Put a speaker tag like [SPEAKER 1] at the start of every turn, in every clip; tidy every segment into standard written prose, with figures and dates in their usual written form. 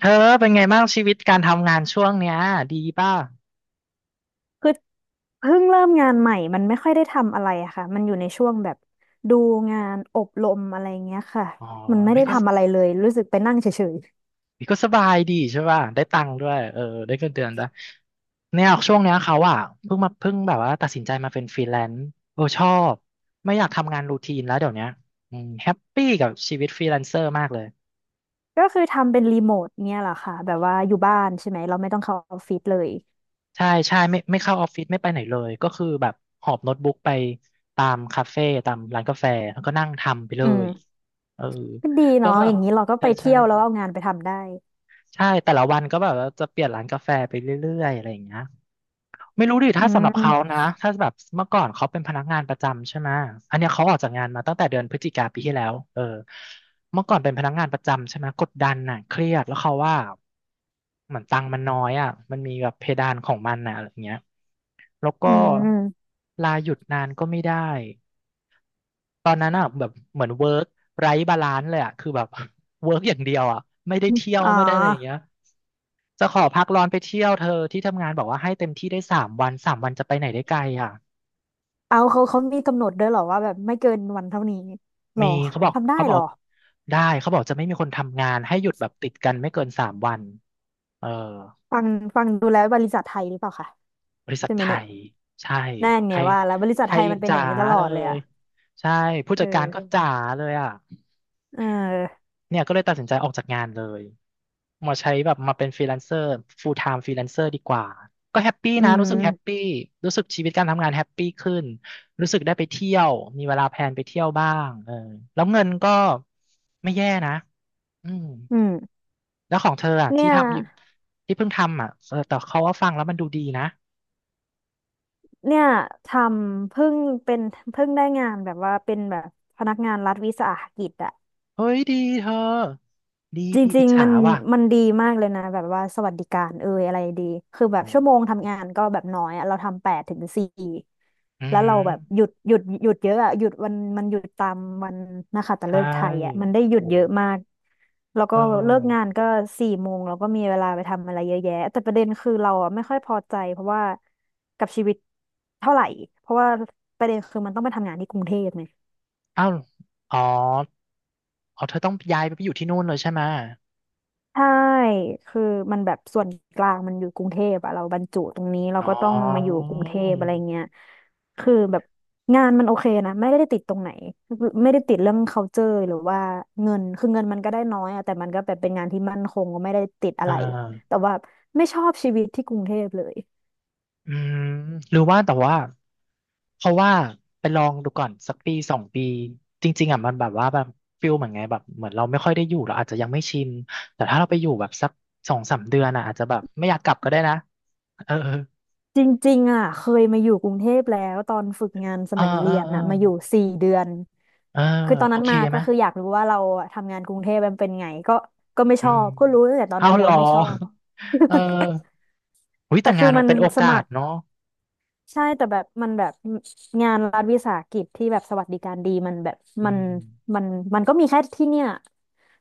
[SPEAKER 1] เธอเป็นไงบ้างชีวิตการทำงานช่วงเนี้ยดีป่ะ
[SPEAKER 2] คือเพิ่งเริ่มงานใหม่ มันไม่ค่อยได้ทำอะไรอะค่ะมันอยู่ในช่วงแบบดูงานอบรมอะไรเงี้ยค่ะ
[SPEAKER 1] อ๋อ
[SPEAKER 2] มันไม่
[SPEAKER 1] อพี่
[SPEAKER 2] ได้
[SPEAKER 1] ก็ม
[SPEAKER 2] ทำอะไรเลยรู้สึกไปนั่งเฉย
[SPEAKER 1] พี่ก็สบายดีใช่ป่ะได้ตังค์ด้วยเออได้เงินเดือนด้วยเนี่ยช่วงเนี้ยเขาอ่ะเพิ่งแบบว่าตัดสินใจมาเป็นฟรีแลนซ์เออชอบไม่อยากทำงานรูทีนแล้วเดี๋ยวเนี้ยอืมแฮปปี้กับชีวิตฟรีแลนเซอร์มากเลย
[SPEAKER 2] ๆก็คือทำเป็นรีโมทเนี่ยแหละค่ะแบบว่าอยู่บ้านใช่ไหม เราไม่ต้องเข้าออฟฟิศเลย
[SPEAKER 1] ใช่ใช่ไม่เข้าออฟฟิศไม่ไปไหนเลยก็คือแบบหอบโน้ตบุ๊กไปตามคาเฟ่ตามร้านกาแฟแล้วก็นั่งทำไปเล
[SPEAKER 2] อืม
[SPEAKER 1] ยเออ
[SPEAKER 2] ก็ดี
[SPEAKER 1] ก็
[SPEAKER 2] เนาะ
[SPEAKER 1] แบ
[SPEAKER 2] อ
[SPEAKER 1] บ
[SPEAKER 2] ย่างนี้เราก็
[SPEAKER 1] ใช่
[SPEAKER 2] ไป
[SPEAKER 1] ใช่
[SPEAKER 2] เที่ยวแล้วเอางานไปทำได้
[SPEAKER 1] ใช่แต่ละวันก็แบบว่าจะเปลี่ยนร้านกาแฟไปเรื่อยๆอะไรอย่างเงี้ยไม่รู้ดิ
[SPEAKER 2] อื
[SPEAKER 1] ถ้าสำหรับเขา
[SPEAKER 2] ม
[SPEAKER 1] นะถ้าแบบเมื่อก่อนเขาเป็นพนักงานประจำใช่ไหมอันเนี้ยเขาออกจากงานมาตั้งแต่เดือนพฤศจิกาปีที่แล้วเออเมื่อก่อนเป็นพนักงานประจำใช่ไหมกดดันน่ะเครียดแล้วเขาว่าเหมือนตังค์มันน้อยอ่ะมันมีแบบเพดานของมันน่ะอะไรอย่างเงี้ยแล้วก็
[SPEAKER 2] อืม
[SPEAKER 1] ลาหยุดนานก็ไม่ได้ตอนนั้นอ่ะแบบเหมือนเวิร์กไร้บาลานซ์เลยอ่ะคือแบบ เวิร์กอย่างเดียวอ่ะไม่ได้เที่ยว
[SPEAKER 2] อ๋อ
[SPEAKER 1] ไม่ได้อะไรอย่างเงี้ย จะขอพักร้อนไปเที่ยวเธอที่ทำงานบอกว่าให้เต็มที่ได้สามวันสามวันจะไปไหนได้ไกลอ่ะ
[SPEAKER 2] เอาเขาเขามีกำหนดด้วยเหรอว่าแบบไม่เกินวันเท่านี้หร
[SPEAKER 1] มี
[SPEAKER 2] อ
[SPEAKER 1] เขาบอก
[SPEAKER 2] ทำได้
[SPEAKER 1] เขาบอ
[SPEAKER 2] เหร
[SPEAKER 1] ก
[SPEAKER 2] อ
[SPEAKER 1] ได้เขาบอกจะไม่มีคนทำงานให้หยุดแบบติดกันไม่เกินสามวันเออ
[SPEAKER 2] ฟังฟังดูแล้วบริษัทไทยหรือเปล่าคะ
[SPEAKER 1] บริษัท
[SPEAKER 2] ใช่ไหม
[SPEAKER 1] ไท
[SPEAKER 2] เนี่ย
[SPEAKER 1] ยใช่
[SPEAKER 2] นั่น
[SPEAKER 1] ไท
[SPEAKER 2] ไง
[SPEAKER 1] ย
[SPEAKER 2] ว่าแล้วบริษั
[SPEAKER 1] ไท
[SPEAKER 2] ทไท
[SPEAKER 1] ย
[SPEAKER 2] ยมันเป็นอ
[SPEAKER 1] จ๋า
[SPEAKER 2] ย่างนี้ตลอ
[SPEAKER 1] เล
[SPEAKER 2] ดเลย
[SPEAKER 1] ย
[SPEAKER 2] อะ
[SPEAKER 1] ใช่ผู้
[SPEAKER 2] เออ
[SPEAKER 1] จัดการก็จ๋าเลยอ่ะ
[SPEAKER 2] เออ
[SPEAKER 1] เนี่ยก็เลยตัดสินใจออกจากงานเลยมาใช้แบบมาเป็นฟรีแลนเซอร์ full time ฟรีแลนเซอร์ดีกว่าก็แฮปปี้
[SPEAKER 2] อื
[SPEAKER 1] นะ
[SPEAKER 2] ม
[SPEAKER 1] รู้สึกแฮปปี้รู้สึกชีวิตการทำงานแฮปปี้ขึ้นรู้สึกได้ไปเที่ยวมีเวลาแพลนไปเที่ยวบ้างเออแล้วเงินก็ไม่แย่นะอืม
[SPEAKER 2] อืม
[SPEAKER 1] แล้วของเธออ่ะ
[SPEAKER 2] เนี่
[SPEAKER 1] ที่
[SPEAKER 2] ย
[SPEAKER 1] ทำอยู่ที่เพิ่งทำอ่ะเออแต่เขาว่าฟังแล้วมันดูดีนะ
[SPEAKER 2] เนี่ยทำเพิ่งเป็นเพิ่งได้งานแบบว่าเป็นแบบพนักงานรัฐวิสาหกิจอะ
[SPEAKER 1] เฮ้ยดีเธอดี
[SPEAKER 2] จ
[SPEAKER 1] ดีอิ
[SPEAKER 2] ริ
[SPEAKER 1] จ
[SPEAKER 2] งๆมั
[SPEAKER 1] ฉา
[SPEAKER 2] น
[SPEAKER 1] ว่ะ
[SPEAKER 2] มันดีมากเลยนะแบบว่าสวัสดิการเอยอะไรดีคือแบบ
[SPEAKER 1] อ๋อ
[SPEAKER 2] ชั่วโมงทำงานก็แบบน้อยอะเราทำแปดถึงสี่
[SPEAKER 1] อื
[SPEAKER 2] แล้วเราแบบหยุ
[SPEAKER 1] ม
[SPEAKER 2] ดหยุดหยุดเยอะอะหยุดวันมันหยุดตามวันนะคะแต่
[SPEAKER 1] ใช่
[SPEAKER 2] เลิกษ์ไทยอะมันได้หยุด
[SPEAKER 1] โอ้
[SPEAKER 2] เยอะมากแล้ว
[SPEAKER 1] เอ
[SPEAKER 2] ก็เลิกงา
[SPEAKER 1] อ
[SPEAKER 2] นก็สี่โมงเราก็มีเวลาไปทำอะไรเยอะแยะแต่ประเด็นคือเราอะไม่ค่อยพอใจเพราะว่ากับชีวิตเท่าไหร่เพราะว่าประเด็นคือมันต้องไปทำงานที่กรุงเทพไง
[SPEAKER 1] อ้าวอ๋อ อ๋อเธอต้องย้ายไปอยู่ที่นู่นเลยใช่ไหม
[SPEAKER 2] ใช่คือมันแบบส่วนกลางมันอยู่กรุงเทพอะเราบรรจุตรงนี้เรา
[SPEAKER 1] อ๋อ
[SPEAKER 2] ก็ต้องมาอยู่กรุงเทพอะไรเงี้ยคือแบบงานมันโอเคนะไม่ได้ติดตรงไหนไม่ได้ติดเรื่อง culture หรือว่าเงินคือเงินมันก็ได้น้อยอะแต่มันก็แบบเป็นงานที่มั่นคงก็ไม่ได้ติดอะ
[SPEAKER 1] อ่
[SPEAKER 2] ไร
[SPEAKER 1] า
[SPEAKER 2] แต่ว่าไม่ชอบชีวิตที่กรุงเทพเลย
[SPEAKER 1] อืมหรือว่าแต่ว่าเพราะว่าไปลองดูก่อนสักปีสองปีจริงๆอ่ะมันแบบว่าแบบฟิลเหมือนไงแบบเหมือนเราไม่ค่อยได้อยู่เราอาจจะยังไม่ชินแต่ถ้าเราไปอยู่แบบสักสองสามเดือนอ่ะอาจจะแบบไม่อยากกลับก็ได้นะเออเออ
[SPEAKER 2] จริงๆอะเคยมาอยู่กรุงเทพแล้วตอนฝึกงานส
[SPEAKER 1] เออ
[SPEAKER 2] มัย
[SPEAKER 1] เออ
[SPEAKER 2] เรียนอะมาอยู่สี่เดือน
[SPEAKER 1] เออ
[SPEAKER 2] คือตอน
[SPEAKER 1] โอ
[SPEAKER 2] นั้น
[SPEAKER 1] เค
[SPEAKER 2] มา
[SPEAKER 1] ไห
[SPEAKER 2] ก็
[SPEAKER 1] ม
[SPEAKER 2] คืออยากรู้ว่าเราอะทำงานกรุงเทพมันเป็นไงก็ไม่ช
[SPEAKER 1] อื
[SPEAKER 2] อ
[SPEAKER 1] ม
[SPEAKER 2] บก็รู้ตั้งแต่ตอน
[SPEAKER 1] เอา
[SPEAKER 2] นั้นเล
[SPEAKER 1] เห
[SPEAKER 2] ย
[SPEAKER 1] รอ
[SPEAKER 2] ว่าไม่ชอบ
[SPEAKER 1] เออหุ้ย
[SPEAKER 2] แต่
[SPEAKER 1] แต่
[SPEAKER 2] คื
[SPEAKER 1] งา
[SPEAKER 2] อ
[SPEAKER 1] นมั
[SPEAKER 2] มั
[SPEAKER 1] น
[SPEAKER 2] น
[SPEAKER 1] เป็นโอ
[SPEAKER 2] ส
[SPEAKER 1] กา
[SPEAKER 2] มั
[SPEAKER 1] ส
[SPEAKER 2] คร
[SPEAKER 1] เนาะ
[SPEAKER 2] ใช่แต่แบบมันแบบงานรัฐวิสาหกิจที่แบบสวัสดิการดีมันแบบ
[SPEAKER 1] อื
[SPEAKER 2] มัน
[SPEAKER 1] ม
[SPEAKER 2] มันมันก็มีแค่ที่เนี่ย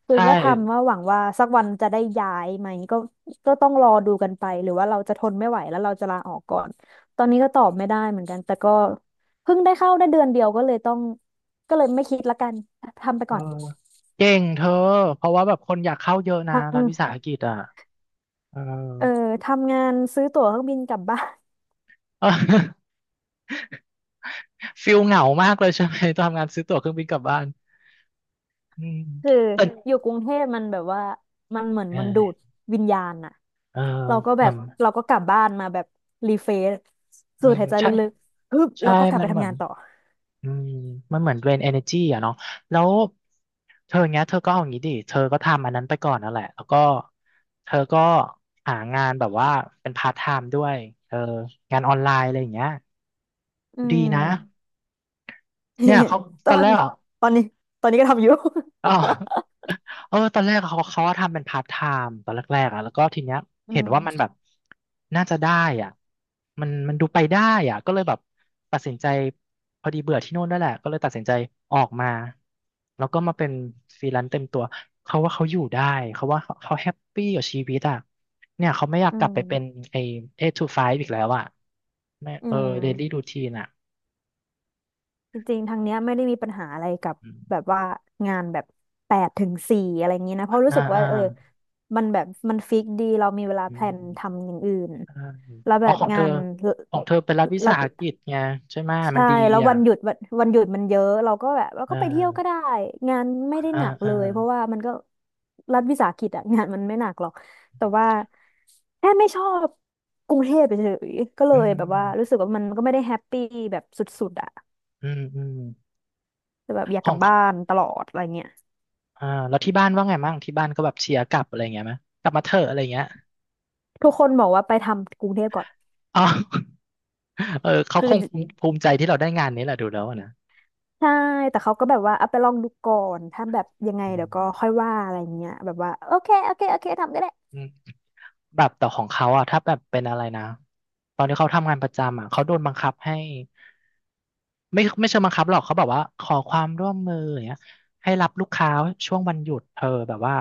[SPEAKER 2] คือ
[SPEAKER 1] ใช่
[SPEAKER 2] ก็ทำว่าหวังว่าสักวันจะได้ย้ายไหมก็ก็ต้องรอดูกันไปหรือว่าเราจะทนไม่ไหวแล้วเราจะลาออกก่อนตอนนี้ก็ตอบไม่ได้เหมือนกันแต่ก็เพิ่งได้เข้าได้เดือนเดียวก็เลยต้องก็เลยไม่คิดละกันทำไป
[SPEAKER 1] เออ
[SPEAKER 2] ก่อน
[SPEAKER 1] เก่งเธอเพราะว่าแบบคนอยากเข้าเยอะนะรัฐวิสาหกิจอ่ะเออ
[SPEAKER 2] เออทำงานซื้อตั๋วเครื่องบินกลับบ้าน
[SPEAKER 1] เออ ฟิลเหงามากเลยใช่ไหมตอนทำงานซื้อตั๋วเครื่องบินกลับบ้านอืม
[SPEAKER 2] คือ
[SPEAKER 1] แต่
[SPEAKER 2] อยู่กรุงเทพมันแบบว่ามันเหมือน
[SPEAKER 1] เอ
[SPEAKER 2] มันดูด
[SPEAKER 1] อ
[SPEAKER 2] วิญญาณอะ
[SPEAKER 1] เออ
[SPEAKER 2] เราก็แบ
[SPEAKER 1] มั
[SPEAKER 2] บ
[SPEAKER 1] น
[SPEAKER 2] เราก็กลับบ้านมาแบบรีเฟรช
[SPEAKER 1] เอ
[SPEAKER 2] สู
[SPEAKER 1] อ
[SPEAKER 2] ดหายใจ
[SPEAKER 1] ใช่
[SPEAKER 2] ลึกๆฮึบ
[SPEAKER 1] ใช่
[SPEAKER 2] แล้วก็กลับ
[SPEAKER 1] มั
[SPEAKER 2] ไป
[SPEAKER 1] นเหมื
[SPEAKER 2] ทำ
[SPEAKER 1] อ
[SPEAKER 2] งา
[SPEAKER 1] น
[SPEAKER 2] นต่อ
[SPEAKER 1] อืมมันเหมือนเดรน energy อ่ะเนาะแล้วเธออย่างเงี้ยเธอก็เอาอย่างงี้ดิเธอก็ทำอันนั้นไปก่อนนั่นแหละแล้วก็เธอก็หางานแบบว่าเป็นพาร์ทไทม์ด้วยเอองานออนไลน์อะไรอย่างเงี้ย
[SPEAKER 2] อื
[SPEAKER 1] ดี
[SPEAKER 2] ม
[SPEAKER 1] นะเนี่ยเขา
[SPEAKER 2] ต
[SPEAKER 1] ต
[SPEAKER 2] อ
[SPEAKER 1] อน
[SPEAKER 2] น
[SPEAKER 1] แรกอะ
[SPEAKER 2] ตอนนี้ตอนนี้ก็ทำอยู่
[SPEAKER 1] อ๋อเออตอนแรกเขาว่าทำเป็นพาร์ทไทม์ตอนแรกๆอ่ะแล้วก็ทีเนี้ย
[SPEAKER 2] อื
[SPEAKER 1] เห็น
[SPEAKER 2] ม
[SPEAKER 1] ว่ามันแบบน่าจะได้อ่ะมันมันดูไปได้อ่ะก็เลยแบบ ตัดสินใจพอดีเบื่อที่โน่นด้แหละ ก็เลยตัดสินใจออกมาแล้วก็มาเป็นฟรีแลนซ์เต็มตัว เขาว่าเขาอยู่ได้ เขาว่าเขาแฮปปี้กับชีวิตอ่ะเนี่ยเขาไม่อยาก
[SPEAKER 2] อื
[SPEAKER 1] กลับไปเป็น
[SPEAKER 2] ม
[SPEAKER 1] ไอ้ eight to five อีกแล้วอ่ะไม่
[SPEAKER 2] อื
[SPEAKER 1] เออ daily
[SPEAKER 2] ม
[SPEAKER 1] routine อ่ะ
[SPEAKER 2] จริงๆทางเนี้ยไม่ได้มีปัญหาอะไรกับ
[SPEAKER 1] อ
[SPEAKER 2] แบ
[SPEAKER 1] ม
[SPEAKER 2] บว่างานแบบแปดถึงสี่อะไรอย่างนี้นะเพราะรู้
[SPEAKER 1] อ่า
[SPEAKER 2] สึกว่า
[SPEAKER 1] อ่า
[SPEAKER 2] เออมันแบบมันฟิกดีเรามีเวลา
[SPEAKER 1] อื
[SPEAKER 2] แพลน
[SPEAKER 1] ม
[SPEAKER 2] ทำอย่างอื่น
[SPEAKER 1] อ่า
[SPEAKER 2] แล้วแบ
[SPEAKER 1] อ๋อ
[SPEAKER 2] บ
[SPEAKER 1] ของเธ
[SPEAKER 2] งา
[SPEAKER 1] อ
[SPEAKER 2] น
[SPEAKER 1] ของเธอเป็นรัฐวิ
[SPEAKER 2] รั
[SPEAKER 1] สา
[SPEAKER 2] บ
[SPEAKER 1] หกิจไงใช่ไหมยมั
[SPEAKER 2] ใช่
[SPEAKER 1] นดี
[SPEAKER 2] แล้ว
[SPEAKER 1] อ่ะ
[SPEAKER 2] วันหยุดวันหยุดมันเยอะเราก็แบบเรา
[SPEAKER 1] เอ
[SPEAKER 2] ก็ไปเที่ยวก็
[SPEAKER 1] อ
[SPEAKER 2] ได้งานไม่ได้
[SPEAKER 1] เออ
[SPEAKER 2] หนัก
[SPEAKER 1] เออ
[SPEAKER 2] เลยเพราะว่ามันก็รัฐวิสาหกิจอะงานมันไม่หนักหรอกแต่ว่าแค่ไม่ชอบกรุงเทพเฉยๆก็เล
[SPEAKER 1] อื
[SPEAKER 2] ยแบบว่ารู้
[SPEAKER 1] ม
[SPEAKER 2] สึกว่ามันก็ไม่ได้แฮปปี้แบบสุดๆอะ
[SPEAKER 1] อืมอืม
[SPEAKER 2] แต่แบบอยาก
[SPEAKER 1] ข
[SPEAKER 2] ก
[SPEAKER 1] อ
[SPEAKER 2] ลั
[SPEAKER 1] ง
[SPEAKER 2] บบ้านตลอดอะไรเงี้ย
[SPEAKER 1] อ่าแล้วที่บ้านว่าไงมั่งที่บ้านก็แบบเชียร์กลับอะไรเงี้ยไหมกลับมาเถอะอะไรเงี้ย
[SPEAKER 2] ทุกคนบอกว่าไปทำกรุงเทพก่อน
[SPEAKER 1] อ๋อ เออเขา
[SPEAKER 2] คือ
[SPEAKER 1] คงภูมิใจที่เราได้งานนี้แหละดูแล้วอะนะ
[SPEAKER 2] ใช่แต่เขาก็แบบว่าเอาไปลองดูก่อนถ้าแบบยังไง
[SPEAKER 1] อ
[SPEAKER 2] เดี๋ยวก็ค่อยว่าอะไรเงี้ยแบบว่าโอเคโอเคโอเคทำก็ได้
[SPEAKER 1] ืม แบบแต่ของเขาอะถ้าแบบเป็นอะไรนะตอนที่เขาทำงานประจำอะเขาโดนบังคับให้ไม่เชิงบังคับหรอกเขาบอกว่าขอความร่วมมืออย่างเงี้ยให้รับลูกค้าช่วงวันหยุดเธอแบบว่า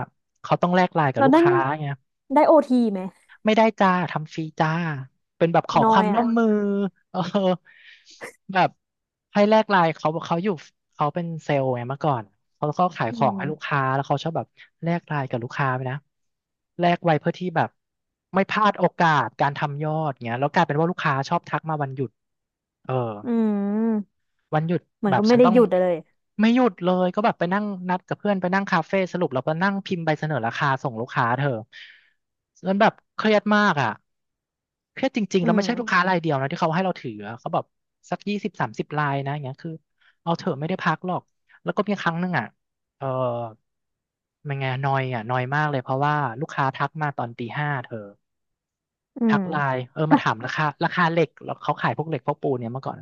[SPEAKER 1] เขาต้องแลกไลน์กับ
[SPEAKER 2] เรา
[SPEAKER 1] ลูก
[SPEAKER 2] นั่ง
[SPEAKER 1] ค้าไง
[SPEAKER 2] ได้โอทีไหม
[SPEAKER 1] ไม่ได้จ้าทำฟรีจ้าเป็นแบบขอ
[SPEAKER 2] น้
[SPEAKER 1] ค
[SPEAKER 2] อ
[SPEAKER 1] วา
[SPEAKER 2] ย
[SPEAKER 1] มร่
[SPEAKER 2] อ่ะ
[SPEAKER 1] วมมือเออแบบให้แลกไลน์เขาอยู่เขาเป็นเซลล์ไงเมื่อก่อนเขาก็ขาย
[SPEAKER 2] อื
[SPEAKER 1] ของให้ลูก
[SPEAKER 2] ม
[SPEAKER 1] ค้าแล้วเขาชอบแบบแลกไลน์กับลูกค้าไปนะแลกไว้เพื่อที่แบบไม่พลาดโอกาสการทำยอดเงี้ยแล้วกลายเป็นว่าลูกค้าชอบทักมาวันหยุดเออ
[SPEAKER 2] อืม
[SPEAKER 1] วันหยุด
[SPEAKER 2] เหมือ
[SPEAKER 1] แบ
[SPEAKER 2] น
[SPEAKER 1] บ
[SPEAKER 2] ก็ไม่
[SPEAKER 1] ฉัน
[SPEAKER 2] ได้
[SPEAKER 1] ต้อ
[SPEAKER 2] ห
[SPEAKER 1] ง
[SPEAKER 2] ยุดเลย
[SPEAKER 1] ไม่หยุดเลยก็แบบไปนั่งนัดกับเพื่อนไปนั่งคาเฟ่สรุปเราไปนั่งพิมพ์ใบเสนอราคาส่งลูกค้าเธอจนแบบเครียดมากอ่ะเครียดจริงๆ
[SPEAKER 2] อื
[SPEAKER 1] แล้ว
[SPEAKER 2] ม
[SPEAKER 1] ไม่ใช่ลูกค้ารายเดียวนะที่เขาให้เราถืออะเขาแบบสัก20-30 รายนะอย่างเงี้ยคือเอาเถอะไม่ได้พักหรอกแล้วก็มีครั้งหนึ่งอ่ะเออมันไงนอยอ่ะนอยมากเลยเพราะว่าลูกค้าทักมาตอนตีห้าเธอ
[SPEAKER 2] อื
[SPEAKER 1] ทั
[SPEAKER 2] ม
[SPEAKER 1] กไลน์เออมา
[SPEAKER 2] ฮะ
[SPEAKER 1] ถามราคาเหล็กแล้วเขาขายพวกเหล็กพวกปูนเนี่ยเมื่อก่อน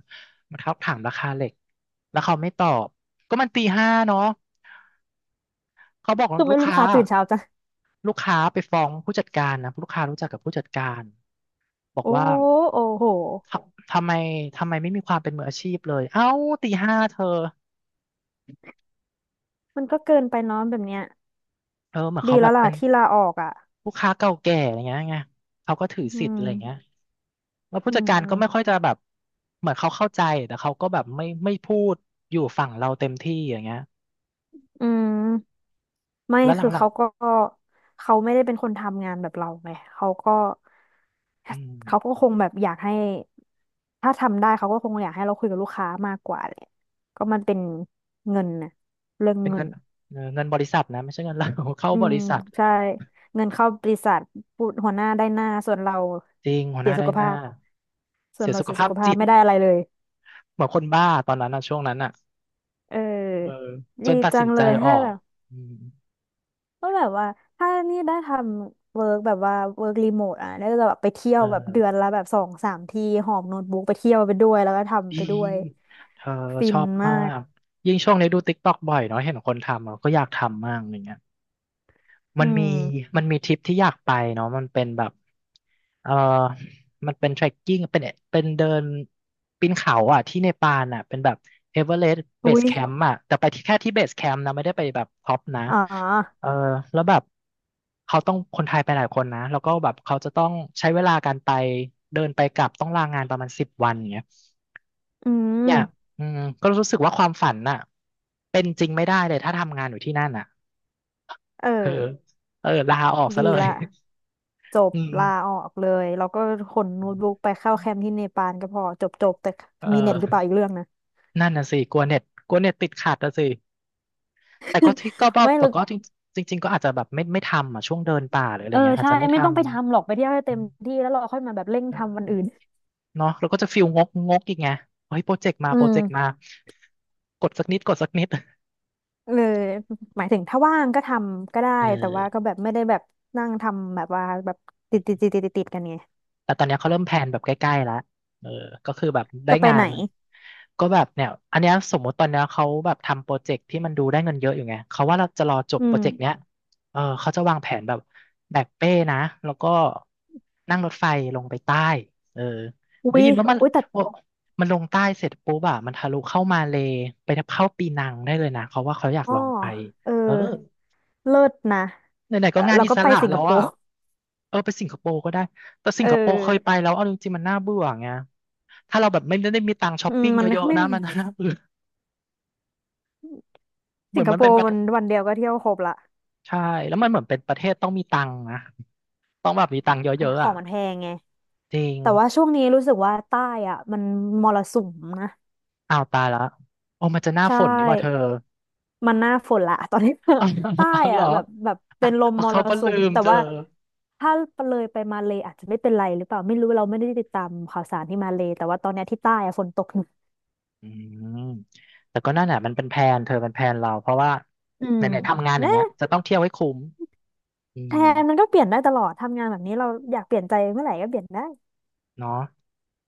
[SPEAKER 1] มาทักถามราคาเหล็กแล้วเขาไม่ตอบก็มันตีห้าเนาะเขาบอก
[SPEAKER 2] คือ
[SPEAKER 1] ลู
[SPEAKER 2] ไม่
[SPEAKER 1] ก
[SPEAKER 2] รู้ลู
[SPEAKER 1] ค้า
[SPEAKER 2] กค้าตื่นเช้าจัง
[SPEAKER 1] ลูกค้าไปฟ้องผู้จัดการนะลูกค้ารู้จักกับผู้จัดการบอก
[SPEAKER 2] โอ้
[SPEAKER 1] ว่า
[SPEAKER 2] โอ้โห
[SPEAKER 1] ทำไมทำไมไม่มีความเป็นมืออาชีพเลยเอ้าตีห้าเธอ
[SPEAKER 2] มันก็เกินไปเน้องแบบเนี้ย
[SPEAKER 1] เออเหมือน
[SPEAKER 2] ดี
[SPEAKER 1] เขาแบ
[SPEAKER 2] แล้ว
[SPEAKER 1] บ
[SPEAKER 2] ล่ะ
[SPEAKER 1] เป็น
[SPEAKER 2] ที่ลาออกอ่ะ
[SPEAKER 1] ลูกค้าเก่าแก่อย่างเงี้ยไงเขาก็ถือ
[SPEAKER 2] อื
[SPEAKER 1] สิทธิ์อะ
[SPEAKER 2] ม
[SPEAKER 1] ไรอย่างเงี้ยแล้วผู้
[SPEAKER 2] อื
[SPEAKER 1] จัดการก็ไม่ค่อ
[SPEAKER 2] ม
[SPEAKER 1] ยจะแบบเหมือนเขาเข้าใจแต่เขาก็แบบไม่พูดอยู่ฝั่งเราเต็มที่อย่างเงี้ย
[SPEAKER 2] อืม ไม่
[SPEAKER 1] แล้วหลั
[SPEAKER 2] คื
[SPEAKER 1] ง
[SPEAKER 2] อเขาก็เขาไม่ได้เป็นคนทำงานแบบเราไงเขาก็
[SPEAKER 1] ๆ
[SPEAKER 2] เขาก็คงแบบอยากให้ถ้าทำได้เขาก็คงอยากให้เราคุยกับลูกค้ามากกว่าแหละก็มันเป็นเงินนะเรื่อง
[SPEAKER 1] เป็น
[SPEAKER 2] เงิ
[SPEAKER 1] เงิ
[SPEAKER 2] น
[SPEAKER 1] นเออเงินบริษัทนะ ไม่ใช่เงิน เรา เข้า
[SPEAKER 2] อื
[SPEAKER 1] บ
[SPEAKER 2] ม
[SPEAKER 1] ริษัท
[SPEAKER 2] ใช่เงินเข้าบริษัทพูดหัวหน้าได้หน้า
[SPEAKER 1] จริงหัวห
[SPEAKER 2] เสีย
[SPEAKER 1] น้า
[SPEAKER 2] สุ
[SPEAKER 1] ได้
[SPEAKER 2] ข
[SPEAKER 1] ห
[SPEAKER 2] ภา
[SPEAKER 1] น้า
[SPEAKER 2] พส่ว
[SPEAKER 1] เสี
[SPEAKER 2] น
[SPEAKER 1] ย
[SPEAKER 2] เรา
[SPEAKER 1] สุข
[SPEAKER 2] เสียสุ
[SPEAKER 1] ภาพ
[SPEAKER 2] ขภา
[SPEAKER 1] จิ
[SPEAKER 2] พ
[SPEAKER 1] ต
[SPEAKER 2] ไม่ได้อะไรเลย
[SPEAKER 1] เหมือนคนบ้าตอนนั้นนะช่วงนั้นอ่ะ
[SPEAKER 2] เอ
[SPEAKER 1] เออ
[SPEAKER 2] อ
[SPEAKER 1] จน
[SPEAKER 2] ดี
[SPEAKER 1] ตัด
[SPEAKER 2] จั
[SPEAKER 1] สิน
[SPEAKER 2] ง
[SPEAKER 1] ใจ
[SPEAKER 2] เลย
[SPEAKER 1] ออ
[SPEAKER 2] ถ้า
[SPEAKER 1] ก
[SPEAKER 2] แบบ
[SPEAKER 1] อืม
[SPEAKER 2] ก็แบบว่าถ้านี่ได้ทำเวิร์กแบบว่าเวิร์กรีโมทอ่ะน่าจะแบบไปเที่ย
[SPEAKER 1] เอ
[SPEAKER 2] วแบบเดือน
[SPEAKER 1] อ
[SPEAKER 2] ละแบบสองสามที่หอบโน้ตบุ๊กไปเที่ยวไปด้วยแล้วก็ทำ
[SPEAKER 1] ดี
[SPEAKER 2] ไปด้วย
[SPEAKER 1] เธอ
[SPEAKER 2] ฟิ
[SPEAKER 1] ช
[SPEAKER 2] น
[SPEAKER 1] อบ
[SPEAKER 2] มา
[SPEAKER 1] มา
[SPEAKER 2] ก
[SPEAKER 1] กยิ่งช่วงนี้ดูติ๊กต็อกบ่อยเนาะเห็นคนทำเราก็อยากทำมากอย่างเงี้ย
[SPEAKER 2] อื
[SPEAKER 1] มันมี
[SPEAKER 2] ม
[SPEAKER 1] มันมีทริปที่อยากไปเนาะมันเป็นแบบเออมันเป็น trekking เป็นเดินปีนเขาอ่ะที่เนปาลอ่ะเป็นแบบเอเวอเรสต์เบ
[SPEAKER 2] อุ๊
[SPEAKER 1] ส
[SPEAKER 2] ย
[SPEAKER 1] แคมป์อ่ะแต่ไปที่แค่ที่เบสแคมป์นะไม่ได้ไปแบบท็อปนะ
[SPEAKER 2] อ๋อ
[SPEAKER 1] เออแล้วแบบเขาต้องคนไทยไปหลายคนนะแล้วก็แบบเขาจะต้องใช้เวลาการไปเดินไปกลับต้องลางานประมาณ10 วันอย่างเงี้ย
[SPEAKER 2] อื
[SPEAKER 1] เนี่ย
[SPEAKER 2] ม
[SPEAKER 1] อืมก็รู้สึกว่าความฝันน่ะเป็นจริงไม่ได้เลยถ้าทำงานอยู่ที่นั่นน่ะ
[SPEAKER 2] เอ
[SPEAKER 1] คือ
[SPEAKER 2] อ
[SPEAKER 1] เออลาออกซะเล
[SPEAKER 2] ดี
[SPEAKER 1] ย
[SPEAKER 2] ละจบ
[SPEAKER 1] อื
[SPEAKER 2] ลา
[SPEAKER 1] ม
[SPEAKER 2] ออกเลยแล้วก็ขนโน้ตบุ๊กไปเข้าแคมป์ที่เนปาลก็พอจบจบแต่
[SPEAKER 1] เอ
[SPEAKER 2] มีเน็ตหรือเปล่า
[SPEAKER 1] อ
[SPEAKER 2] อีกเรื่องนะ
[SPEAKER 1] นั่นน่ะสิกลัวเน็ตกลัวเน็ตติดขัดน่ะสิแต่ก็ที่ก็บ อก
[SPEAKER 2] ไม่
[SPEAKER 1] แต่
[SPEAKER 2] รู้
[SPEAKER 1] ก็จริงจริงๆก็อาจจะแบบไม่ทำอ่ะช่วงเดินป่าหรืออะไร
[SPEAKER 2] เออ
[SPEAKER 1] เงี้ยอาจ
[SPEAKER 2] ใช่
[SPEAKER 1] จะไม่
[SPEAKER 2] ไม่ต้
[SPEAKER 1] ทำ
[SPEAKER 2] องไปทำหรอกไปเที่ยวให้เต็มที่แล้วเราค่อยมาแบบเร่ง
[SPEAKER 1] เ
[SPEAKER 2] ทำวัน
[SPEAKER 1] ออ
[SPEAKER 2] อื่น
[SPEAKER 1] เนาะเราก็จะฟิลงกงกอีกไงเฮ้ยโปรเจกต์มา
[SPEAKER 2] อื
[SPEAKER 1] โปร
[SPEAKER 2] ม
[SPEAKER 1] เจกต์มากดสักนิดกดสักนิด
[SPEAKER 2] เออหมายถึงถ้าว่างก็ทำก็ได้
[SPEAKER 1] เอ
[SPEAKER 2] แต่ว่าก็
[SPEAKER 1] อ
[SPEAKER 2] แบบไม่ได้แบบนั่งทำแบบว่าแบบติดกันไง
[SPEAKER 1] แต่ตอนเนี้ยเขาเริ่มแพลนแบบใกล้ๆแล้วเออก็คือแบบได้
[SPEAKER 2] จะไป
[SPEAKER 1] งา
[SPEAKER 2] ไหน
[SPEAKER 1] นก็แบบเนี่ยอันเนี้ยสมมติตอนเนี้ยเขาแบบทำโปรเจกต์ที่มันดูได้เงินเยอะอยู่ไงเขาว่าเราจะรอจบ
[SPEAKER 2] อื
[SPEAKER 1] โปรเจกต์เนี้
[SPEAKER 2] ม
[SPEAKER 1] ยเออเขาจะวางแผนแบบแบกเป้นะแล้วก็นั่งรถไฟลงไปใต้เออ
[SPEAKER 2] อุ๊
[SPEAKER 1] ได้
[SPEAKER 2] ย
[SPEAKER 1] ยินว่ามัน
[SPEAKER 2] อุ้ยแต่
[SPEAKER 1] โอ้มันลงใต้เสร็จปุ๊บอะมันทะลุเข้ามาเลย์ไปเข้าปีนังได้เลยนะเขาว่าเขาอยาก
[SPEAKER 2] อ้อ
[SPEAKER 1] ลองไป
[SPEAKER 2] เออ
[SPEAKER 1] เออ
[SPEAKER 2] เลิศนะ
[SPEAKER 1] ไหนๆก็งาน
[SPEAKER 2] เรา
[SPEAKER 1] อิ
[SPEAKER 2] ก็
[SPEAKER 1] ส
[SPEAKER 2] ไป
[SPEAKER 1] ระ
[SPEAKER 2] สิง
[SPEAKER 1] แล้
[SPEAKER 2] ค
[SPEAKER 1] ว
[SPEAKER 2] โป
[SPEAKER 1] อ่ะ
[SPEAKER 2] ร์
[SPEAKER 1] เออไปสิงคโปร์ก็ได้ แต่สิ
[SPEAKER 2] เอ
[SPEAKER 1] งคโปร์เคยไป
[SPEAKER 2] อ
[SPEAKER 1] แล้วเอาจริงๆมันน่าเบื่อไงถ้าเราแบบไม่ได้มีตังค์ช้อ
[SPEAKER 2] อื
[SPEAKER 1] ป
[SPEAKER 2] ม
[SPEAKER 1] ปิ้ง
[SPEAKER 2] มั
[SPEAKER 1] เย
[SPEAKER 2] น
[SPEAKER 1] อะๆ
[SPEAKER 2] ไม่
[SPEAKER 1] นะ
[SPEAKER 2] มี
[SPEAKER 1] มันน่าเบื่อเหมื
[SPEAKER 2] สิ
[SPEAKER 1] อ
[SPEAKER 2] ง
[SPEAKER 1] น
[SPEAKER 2] ค
[SPEAKER 1] มัน
[SPEAKER 2] โป
[SPEAKER 1] เป็นป
[SPEAKER 2] ร์
[SPEAKER 1] ระเท
[SPEAKER 2] มัน
[SPEAKER 1] ศ
[SPEAKER 2] วันเดียวก็เที่ยวครบละ
[SPEAKER 1] ใช่ แล้วมันเหมือนเป็นประเทศต้องมีตังค์นะต้องแบบมีตังค์เยอะ
[SPEAKER 2] ข
[SPEAKER 1] ๆ
[SPEAKER 2] อ
[SPEAKER 1] อ่ะ
[SPEAKER 2] งมันแพงไง
[SPEAKER 1] จริง
[SPEAKER 2] แต่ว่าช่วงนี้รู้สึกว่าใต้อ่ะมันมรสุมนะ
[SPEAKER 1] อ้าวตายละโอ้มันจะหน้า
[SPEAKER 2] ใช่
[SPEAKER 1] ฝนนี่หว่าเธอ
[SPEAKER 2] มันหน้าฝนละ ตอนนี้
[SPEAKER 1] เอา
[SPEAKER 2] ใต้
[SPEAKER 1] เอาเหร
[SPEAKER 2] อะ
[SPEAKER 1] อ
[SPEAKER 2] แบบแบบ
[SPEAKER 1] อ่ะ
[SPEAKER 2] เป็นลม
[SPEAKER 1] เอา
[SPEAKER 2] มร
[SPEAKER 1] เขาก็
[SPEAKER 2] สุ
[SPEAKER 1] ลื
[SPEAKER 2] ม
[SPEAKER 1] ม
[SPEAKER 2] แต่
[SPEAKER 1] เธอ
[SPEAKER 2] ว่าถ้าเลยไปมาเลอาจจะไม่เป็นไรหรือเปล่าไม่รู้เราไม่ได้ติดตามข่าวสารที่มาเลแต่ว่าตอนเนี้ยที่ใต้อะฝนตกหนัก
[SPEAKER 1] อืมแต่ก็นั่นแหละมันเป็นแพลนเธอเป็นแพลนเราเพราะว่า
[SPEAKER 2] อื
[SPEAKER 1] ไห
[SPEAKER 2] ม
[SPEAKER 1] นๆทำงานอย่าง
[SPEAKER 2] นะ
[SPEAKER 1] เงี้ยจะต้องเที่ยวให้คุ้มอื
[SPEAKER 2] แท
[SPEAKER 1] ม
[SPEAKER 2] นมันก็เปลี่ยนได้ตลอดทำงานแบบนี้เราอยากเปลี่ยนใจเมื่อไหร่ก็เปลี่ยนได้
[SPEAKER 1] เนาะ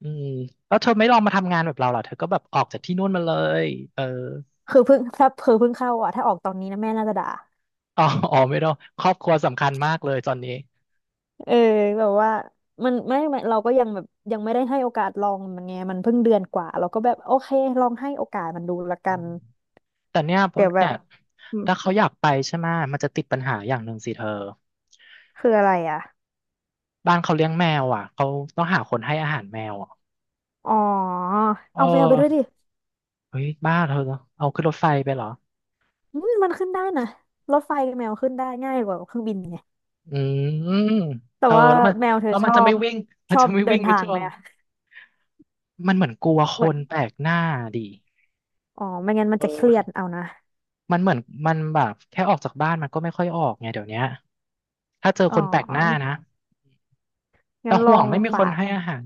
[SPEAKER 1] อืมแล้วเธอไม่ลองมาทำงานแบบเราเหรอเธอก็แบบออกจากที่นู่นมาเลยเออ
[SPEAKER 2] คือเพิ่ง ถ้าเพิ่งเข้าอ่ะถ้าออกตอนนี้นะแม่น่าจะด่า
[SPEAKER 1] อ๋ออ๋อไม่ต้องครอบครัวสำคัญมากเลยตอนนี้
[SPEAKER 2] เออแบบว่ามันไม่เราก็ยังแบบยังไม่ได้ให้โอกาสลองมันไงมันเพิ่งเดือนกว่าเราก็แบบโอเคลองให้โอกาสมันดูละ
[SPEAKER 1] อื
[SPEAKER 2] กัน
[SPEAKER 1] มแต่เนี่ยผ
[SPEAKER 2] เดี๋
[SPEAKER 1] ม
[SPEAKER 2] ยวแบ
[SPEAKER 1] เนี่
[SPEAKER 2] บ
[SPEAKER 1] ย
[SPEAKER 2] อืม
[SPEAKER 1] ถ้าเขาอยากไปใช่ไหมยมันจะติดปัญหาอย่างหนึ่งสิเธอ
[SPEAKER 2] คืออะไรอ่ะ
[SPEAKER 1] บ้านเขาเลี้ยงแมวอ่ะเขาต้องหาคนให้อาหารแมวอ่ะ
[SPEAKER 2] อ๋อ
[SPEAKER 1] เอ
[SPEAKER 2] เอาแมวไปด้วยดิ
[SPEAKER 1] อเฮ้ยบ้าเธอเอาขึ้นรถไฟไปเหรอ
[SPEAKER 2] อืมมันขึ้นได้นะรถไฟกับแมวขึ้นได้ง่ายกว่าเครื่องบินไง
[SPEAKER 1] อืม
[SPEAKER 2] แต่
[SPEAKER 1] เธอ
[SPEAKER 2] ว่า
[SPEAKER 1] แล้วมัน
[SPEAKER 2] แมวเธอ
[SPEAKER 1] แล้ว
[SPEAKER 2] ช
[SPEAKER 1] มัน
[SPEAKER 2] อ
[SPEAKER 1] จะไม่
[SPEAKER 2] บ
[SPEAKER 1] วิ่งมั
[SPEAKER 2] ช
[SPEAKER 1] น
[SPEAKER 2] อ
[SPEAKER 1] จะ
[SPEAKER 2] บ
[SPEAKER 1] ไม่
[SPEAKER 2] เดิ
[SPEAKER 1] วิ่
[SPEAKER 2] น
[SPEAKER 1] งไป
[SPEAKER 2] ทาง
[SPEAKER 1] ทั่ว
[SPEAKER 2] ไหมอะ
[SPEAKER 1] มันเหมือนกลัวค
[SPEAKER 2] เหมือน
[SPEAKER 1] นแปลกหน้าดิ
[SPEAKER 2] อ๋อไม่งั้นมั
[SPEAKER 1] เ
[SPEAKER 2] นจะเครียด
[SPEAKER 1] ออ
[SPEAKER 2] เอานะ
[SPEAKER 1] มันเหมือนมันแบบแค่ออกจากบ้านมันก็ไม่ค่อยออกไงเดี๋ยวเนี้ยถ้าเจอ
[SPEAKER 2] อ๋
[SPEAKER 1] คนแปลกหน้า
[SPEAKER 2] อ
[SPEAKER 1] นะแต่
[SPEAKER 2] งั้นล
[SPEAKER 1] ห่
[SPEAKER 2] อ
[SPEAKER 1] วง
[SPEAKER 2] ง
[SPEAKER 1] ไม่มีคน
[SPEAKER 2] ฝาก
[SPEAKER 1] ให้อาหาร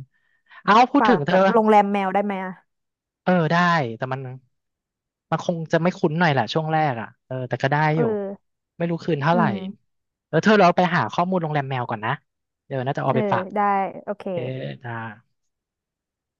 [SPEAKER 1] เอาพูด
[SPEAKER 2] ฝา
[SPEAKER 1] ถึง
[SPEAKER 2] ก
[SPEAKER 1] เธ
[SPEAKER 2] แบ
[SPEAKER 1] อ
[SPEAKER 2] บโรงแรมแมวได้ไหมอะ
[SPEAKER 1] เออได้แต่มันมันคงจะไม่คุ้นหน่อยแหละช่วงแรกอ่ะเออแต่ก็ได้
[SPEAKER 2] เอ
[SPEAKER 1] อ
[SPEAKER 2] อ
[SPEAKER 1] ยู่ไม่รู้คืนเท่า
[SPEAKER 2] อื
[SPEAKER 1] ไหร่
[SPEAKER 2] ม
[SPEAKER 1] แล้วเธอเราไปหาข้อมูลโรงแรมแมวก่อนนะเดี๋ยวน่าจะเอา
[SPEAKER 2] เออ
[SPEAKER 1] ไปฝาก
[SPEAKER 2] ได้โอเค
[SPEAKER 1] โอเคจ้า